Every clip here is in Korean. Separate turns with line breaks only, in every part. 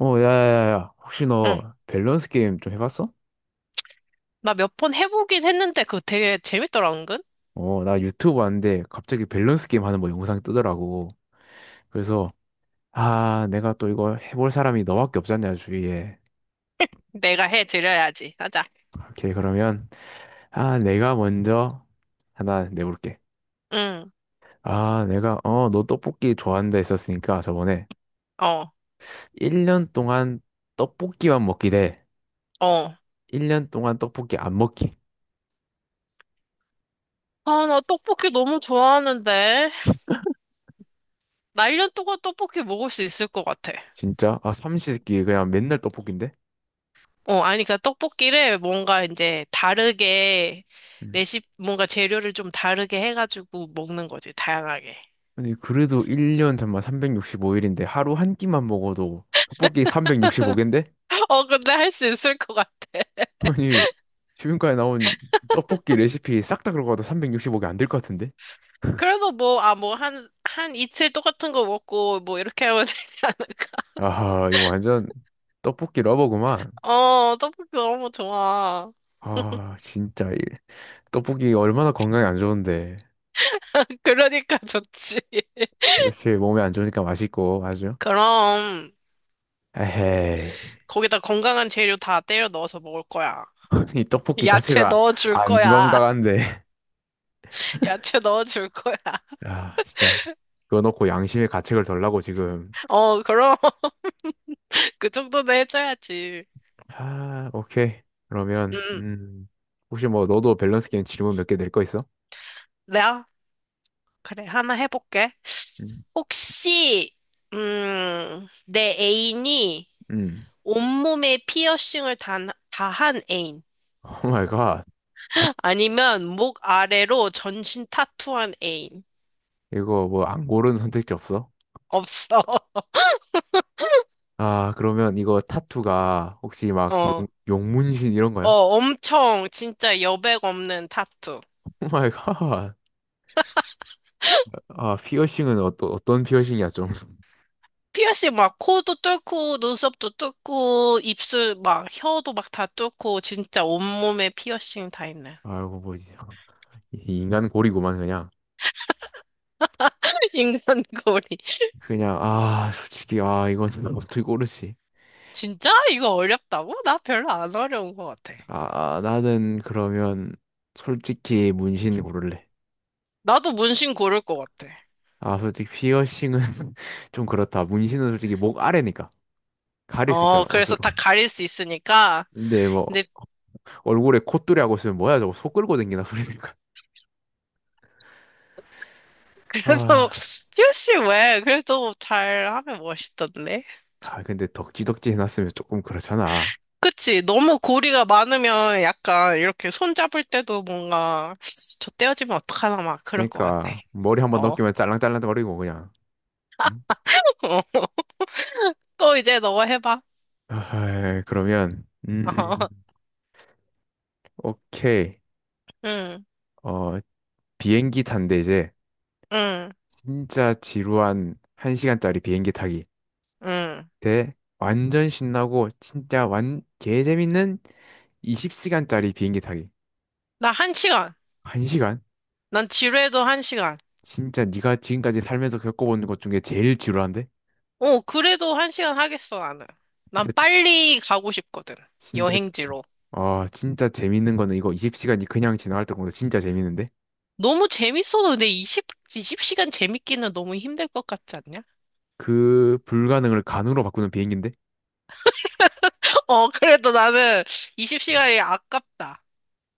야야야야. 혹시
응.
너 밸런스 게임 좀 해봤어?
나 몇 번 해보긴 했는데 그거 되게 재밌더라, 은근.
나 유튜브 봤는데 갑자기 밸런스 게임 하는 뭐 영상이 뜨더라고. 그래서, 아, 내가 또 이거 해볼 사람이 너밖에 없잖냐, 주위에.
내가 해드려야지. 하자.
오케이, 그러면, 아, 내가 먼저 하나 내볼게.
응.
아, 내가, 너 떡볶이 좋아한다 했었으니까 저번에
어,
1년 동안 떡볶이만 먹기 대
어.
1년 동안 떡볶이 안 먹기.
아, 나 떡볶이 너무 좋아하는데. 나 1년 동안 떡볶이 먹을 수 있을 것 같아.
진짜? 아, 삼시세끼 그냥 맨날 떡볶인데?
어, 아니, 그러니까 떡볶이를 뭔가 이제 다르게, 레시피, 뭔가 재료를 좀 다르게 해가지고 먹는 거지, 다양하게.
아니 그래도 1년 잠만 365일인데 하루 한 끼만 먹어도 떡볶이 365개인데?
어, 근데 할 수 있을 것 같아.
아니 지금까지 나온 떡볶이 레시피 싹 다 들어가도 365개 안 될 것 같은데?
그래서 뭐, 아, 뭐, 한 이틀 똑같은 거 먹고, 뭐, 이렇게 하면 되지 않을까?
아 이거 완전 떡볶이 러버구만.
어, 떡볶이 너무 좋아.
아 진짜 이 떡볶이 얼마나 건강에 안 좋은데.
그러니까 좋지.
그렇지, 몸에 안 좋으니까 맛있고 아주.
그럼
에헤이.
거기다 건강한 재료 다 때려 넣어서 먹을 거야.
이 떡볶이
야채
자체가
넣어줄
안
거야.
건강한데.
야채 넣어줄 거야.
아 진짜 그거 넣고 양심의 가책을 덜라고 지금.
어, 그럼 그 정도는 해줘야지.
아, 오케이. 그러면,
음,
혹시 뭐, 너도 밸런스 게임 질문 몇 개 낼 거 있어?
내가 그래 하나 해볼게.
음,
혹시 내 애인이
음.
온몸에 피어싱을 다한 애인
오 마이 갓.
아니면 목 아래로 전신 타투한 애인
이거 뭐, 안 고른 선택지 없어?
없어.
아, 그러면 이거 타투가 혹시 막
어.
용문신 이런
어,
거야?
엄청 진짜 여백 없는 타투.
오 마이 갓. 아, 피어싱은 어떤 피어싱이야, 좀.
피어싱 막 코도 뚫고 눈썹도 뚫고 입술 막 혀도 막 다 뚫고 진짜 온몸에 피어싱 다 있는
아이고, 뭐지. 이 인간 고리구만, 그냥.
인간고리.
그냥, 아, 솔직히, 아, 이건 어떻게 고르지?
진짜? 이거 어렵다고? 나 별로 안 어려운 것 같아.
아, 나는 그러면, 솔직히 문신 고를래.
나도 문신 고를 것 같아.
아, 솔직히 피어싱은 좀 그렇다. 문신은 솔직히 목 아래니까 가릴 수
어,
있잖아,
그래서
옷으로.
다 가릴 수 있으니까.
근데 뭐
근데
얼굴에 콧뚜리 하고 있으면 뭐야 저거 소 끌고 댕기나 소리 들까.
그래도
아,
피어싱 왜? 그래도 잘 하면 멋있던데.
아 근데 덕지덕지 해놨으면 조금 그렇잖아.
그치? 너무 고리가 많으면 약간 이렇게 손잡을 때도 뭔가 저 떼어지면 어떡하나 막 그럴 것 같아.
그러니까 머리 한번
어.
넘기면 짤랑짤랑거리고 그냥. 응?
또 이제 너가 해봐.
아, 그러면
어.
오케이.
응,
어, 비행기 탄대 이제
응,
진짜 지루한 1시간짜리 비행기 타기.
응.
때 완전 신나고 진짜 완 개재밌는 20시간짜리 비행기 타기.
나 한 시간.
1시간?
난 지루해도 한 시간.
진짜 네가 지금까지 살면서 겪어본 것 중에 제일 지루한데?
어, 그래도 한 시간 하겠어, 나는. 난
진짜 지-
빨리 가고 싶거든.
진짜
여행지로.
아 진짜 재밌는 거는 이거 20시간이 그냥 지나갈 때보다 진짜 재밌는데?
너무 재밌어도 근데 20시간 재밌기는 너무 힘들 것 같지 않냐?
그 불가능을 가능으로 바꾸는 비행기인데?
어, 그래도 나는 20시간이 아깝다.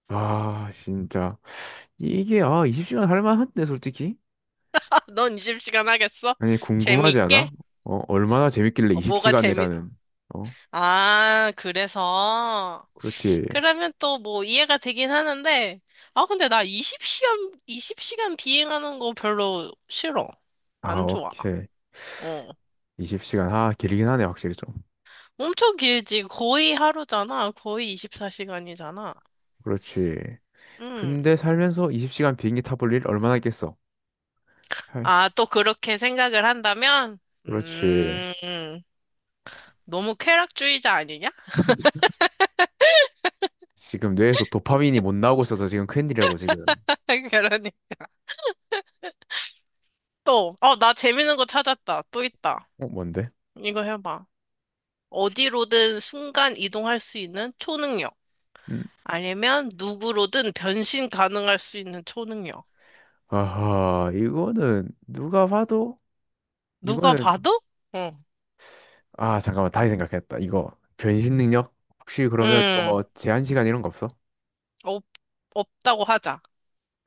아 진짜 이게 아 20시간 할 만한데 솔직히?
넌 20시간 하겠어?
아니 궁금하지 않아?
재미있게?
어 얼마나 재밌길래
어, 뭐가 재미,
20시간이라는. 어
아, 그래서.
그렇지
그러면 또 뭐 이해가 되긴 하는데, 아, 근데 나 20시간 비행하는 거 별로 싫어.
아
안 좋아.
오케이
어.
20시간, 아, 길긴 하네, 확실히 좀.
엄청 길지. 거의 하루잖아. 거의 24시간이잖아.
그렇지.
음.
근데 살면서 20시간 비행기 타볼 일 얼마나 있겠어? 할.
아, 또 그렇게 생각을 한다면?
그렇지.
음, 너무 쾌락주의자 아니냐?
지금 뇌에서 도파민이 못 나오고 있어서 지금 큰일이라고, 지금.
그러니. 또, 어, 나 재밌는 거 찾았다. 또 있다.
어, 뭔데?
이거 해봐. 어디로든 순간 이동할 수 있는 초능력.
음.
아니면 누구로든 변신 가능할 수 있는 초능력.
아하, 이거는 누가 봐도,
누가
이거는,
봐도? 어.
아, 잠깐만, 다시 생각했다. 이거, 변신 능력? 혹시 그러면, 이거
음,
뭐, 제한 시간 이런 거 없어?
없, 없다고 하자.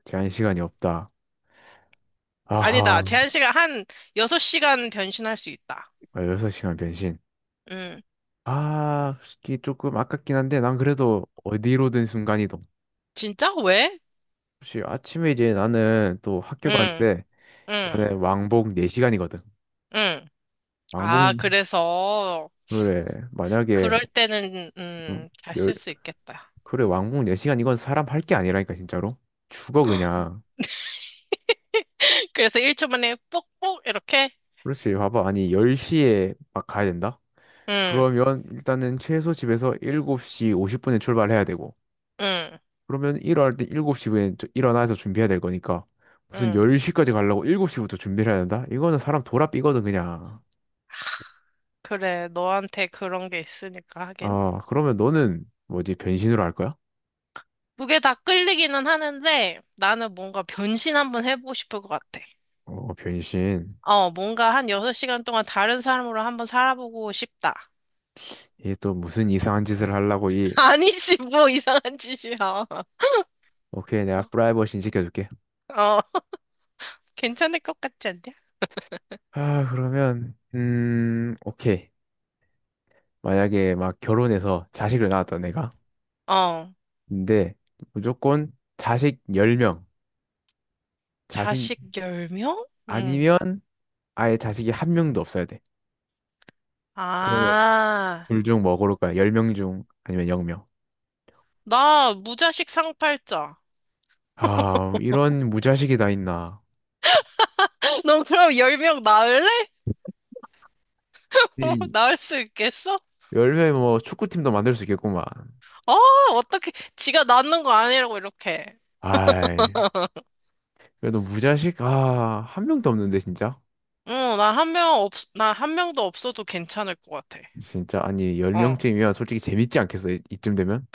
제한 시간이 없다.
아니다.
아하,
제한시간 한 6시간 변신할 수 있다.
6시간 변신.
음.
아, 솔직히 조금 아깝긴 한데, 난 그래도 어디로든 순간이동.
진짜? 왜?
혹시 아침에 이제 나는 또 학교
응
가는데
응
나는 왕복 4시간이거든.
응. 아,
왕복
그래서,
그래 만약에
그럴 때는,
음,
잘
열
쓸 수 있겠다.
그래 왕복 4시간 이건 사람 할 게 아니라니까 진짜로. 죽어 그냥.
그래서 1초 만에 뽁뽁 이렇게?
그렇지 봐봐 아니 10시에 막 가야 된다?
응
그러면 일단은 최소 집에서 7시 50분에 출발해야 되고
응
그러면 일어날 때 일곱 시 에 일어나서 준비해야 될 거니까 무슨
응
10시까지 가려고 7시부터 준비를 해야 된다? 이거는 사람 돌아 삐거든 그냥.
그래, 너한테 그런 게 있으니까 하긴.
아, 그러면 너는 뭐지? 변신으로 할 거야?
그게 다 끌리기는 하는데 나는 뭔가 변신 한번 해보고 싶을 것 같아.
어, 변신.
어, 뭔가 한 6시간 동안 다른 사람으로 한번 살아보고 싶다.
이게 또 무슨 이상한 짓을 하려고.
아니지, 뭐 이상한 짓이야.
오케이, 내가 프라이버시 지켜줄게.
어, 괜찮을 것 같지 않냐?
아, 그러면, 오케이. 만약에 막 결혼해서 자식을 낳았다, 내가.
어,
근데 무조건 자식 10명. 자식
자식 10명? 응.
아니면 아예 자식이 한 명도 없어야 돼. 그러면
아,
둘 중 뭐 고를 거야? 10명 중 아니면 0명.
나 무자식 상팔자.
아, 이런 무자식이 다 있나.
너 그럼 10명 낳을래? 어, 낳을 수 있겠어?
열 10명이 뭐 축구팀도 만들 수 있겠구만.
어, 어떻게, 지가 낳는 거 아니라고 이렇게.
아이. 그래도 무자식 아, 한 명도 없는데 진짜.
어, 나 한 명도 없어도 괜찮을 것 같아.
진짜 아니
어.
10명쯤이면 솔직히 재밌지 않겠어. 이쯤 되면.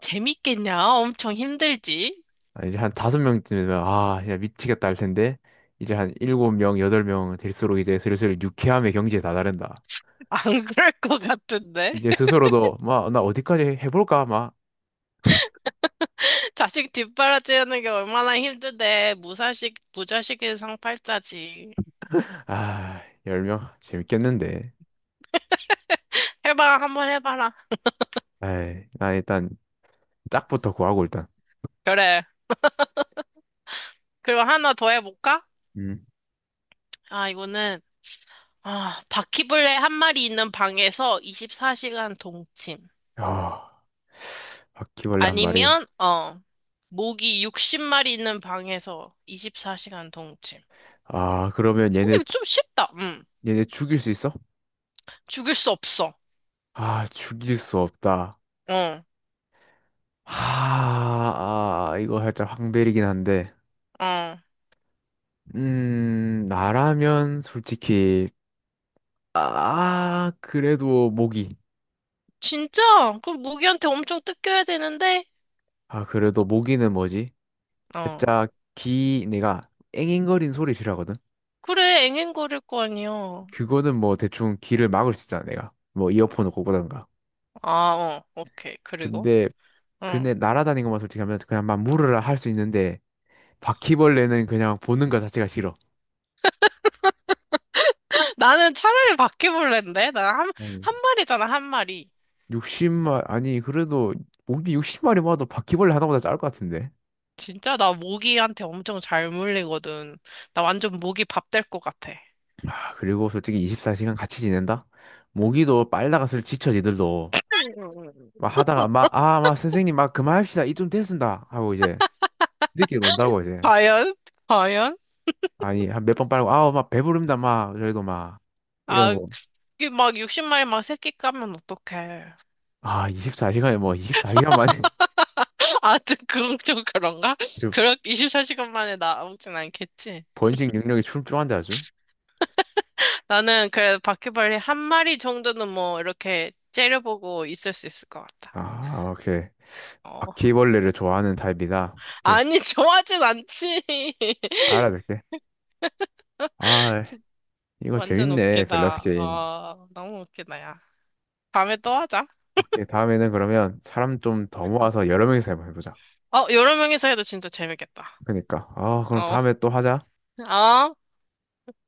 재밌겠냐? 엄청 힘들지?
아, 이제 한 5명쯤 되면 아, 그냥 미치겠다 할 텐데. 이제 한 7명, 8명 될수록 이제 슬슬 유쾌함의 경지에 다다른다.
안 그럴 것 같은데?
이제 스스로도 막 나 어디까지 해 볼까 막.
자식 뒷바라지하는 게 얼마나 힘든데. 무자식의 상팔자지.
아, 10명 재밌겠는데.
해봐, 한번 해봐라.
에이, 나 일단 짝부터 구하고 일단.
그래. 그럼 하나 더 해볼까?
음.
아, 이거는, 아, 바퀴벌레 한 마리 있는 방에서 24시간 동침.
아, 바퀴벌레 한 마리.
아니면, 어, 모기 60마리 있는 방에서 24시간 동침.
아, 그러면
근데 이거 좀 쉽다. 음.
얘네 죽일 수 있어?
죽일 수 없어.
아, 죽일 수 없다.
어,
하, 아, 이거 살짝 황벨이긴 한데.
어.
나라면 솔직히, 아, 그래도 모기.
진짜? 그럼 모기한테 엄청 뜯겨야 되는데?
아, 그래도 모기는 뭐지?
어.
살짝 귀, 내가 앵앵거리는 소리 싫어하거든?
그래, 앵앵거릴 거 아니야.
그거는 뭐 대충 귀를 막을 수 있잖아, 내가. 뭐 이어폰을 꽂고든가.
아, 어. 오케이. 그리고?
근데,
응.
근데 날아다니는 것만 솔직히 하면 그냥 막 물으라 할 수 있는데, 바퀴벌레는 그냥 보는 것 자체가 싫어.
나는 차라리 바퀴벌레인데? 한 마리잖아, 한 마리.
60마리, 아니, 그래도 모기 60마리 모아도 바퀴벌레 하나보다 짧을 것 같은데.
진짜 나 모기한테 엄청 잘 물리거든. 나 완전 모기 밥 될 것 같아.
아, 그리고 솔직히 24시간 같이 지낸다? 모기도 빨다가 슬 지쳐 지들도. 막 하다가 막, 아, 막 선생님 막 그만합시다. 이쯤 됐습니다, 하고 이제 지들끼리 논다고 이제.
과연? 과연?
아니, 한 몇 번 빨고, 아우, 막 배부릅니다. 막 저희도 막 이런
아,
거.
이게 막 60마리 막 새끼 까면 어떡해.
아, 24시간에 뭐 24시간 만에.
아, 좀 그건 좀 그런가?
저
그렇 24시간 만에 나오진 않겠지.
번식 능력이 출중한데 아주.
나는 그래도 바퀴벌레 한 마리 정도는 뭐 이렇게 째려보고 있을 수 있을 것 같다.
아, 오케이.
어.
바퀴벌레를 좋아하는 타입이다. 오케이.
아니, 좋아하진 않지.
알아둘게. 아, 이거
완전
재밌네, 밸런스
웃기다.
게임.
어, 너무 웃기다, 야. 다음에 또 하자.
오케이, 다음에는 그러면 사람 좀 더 모아서 여러 명이서 한번 해보자.
어, 여러 명이서 해도 진짜 재밌겠다.
그러니까. 아, 그럼
어.
다음에 또 하자.
어?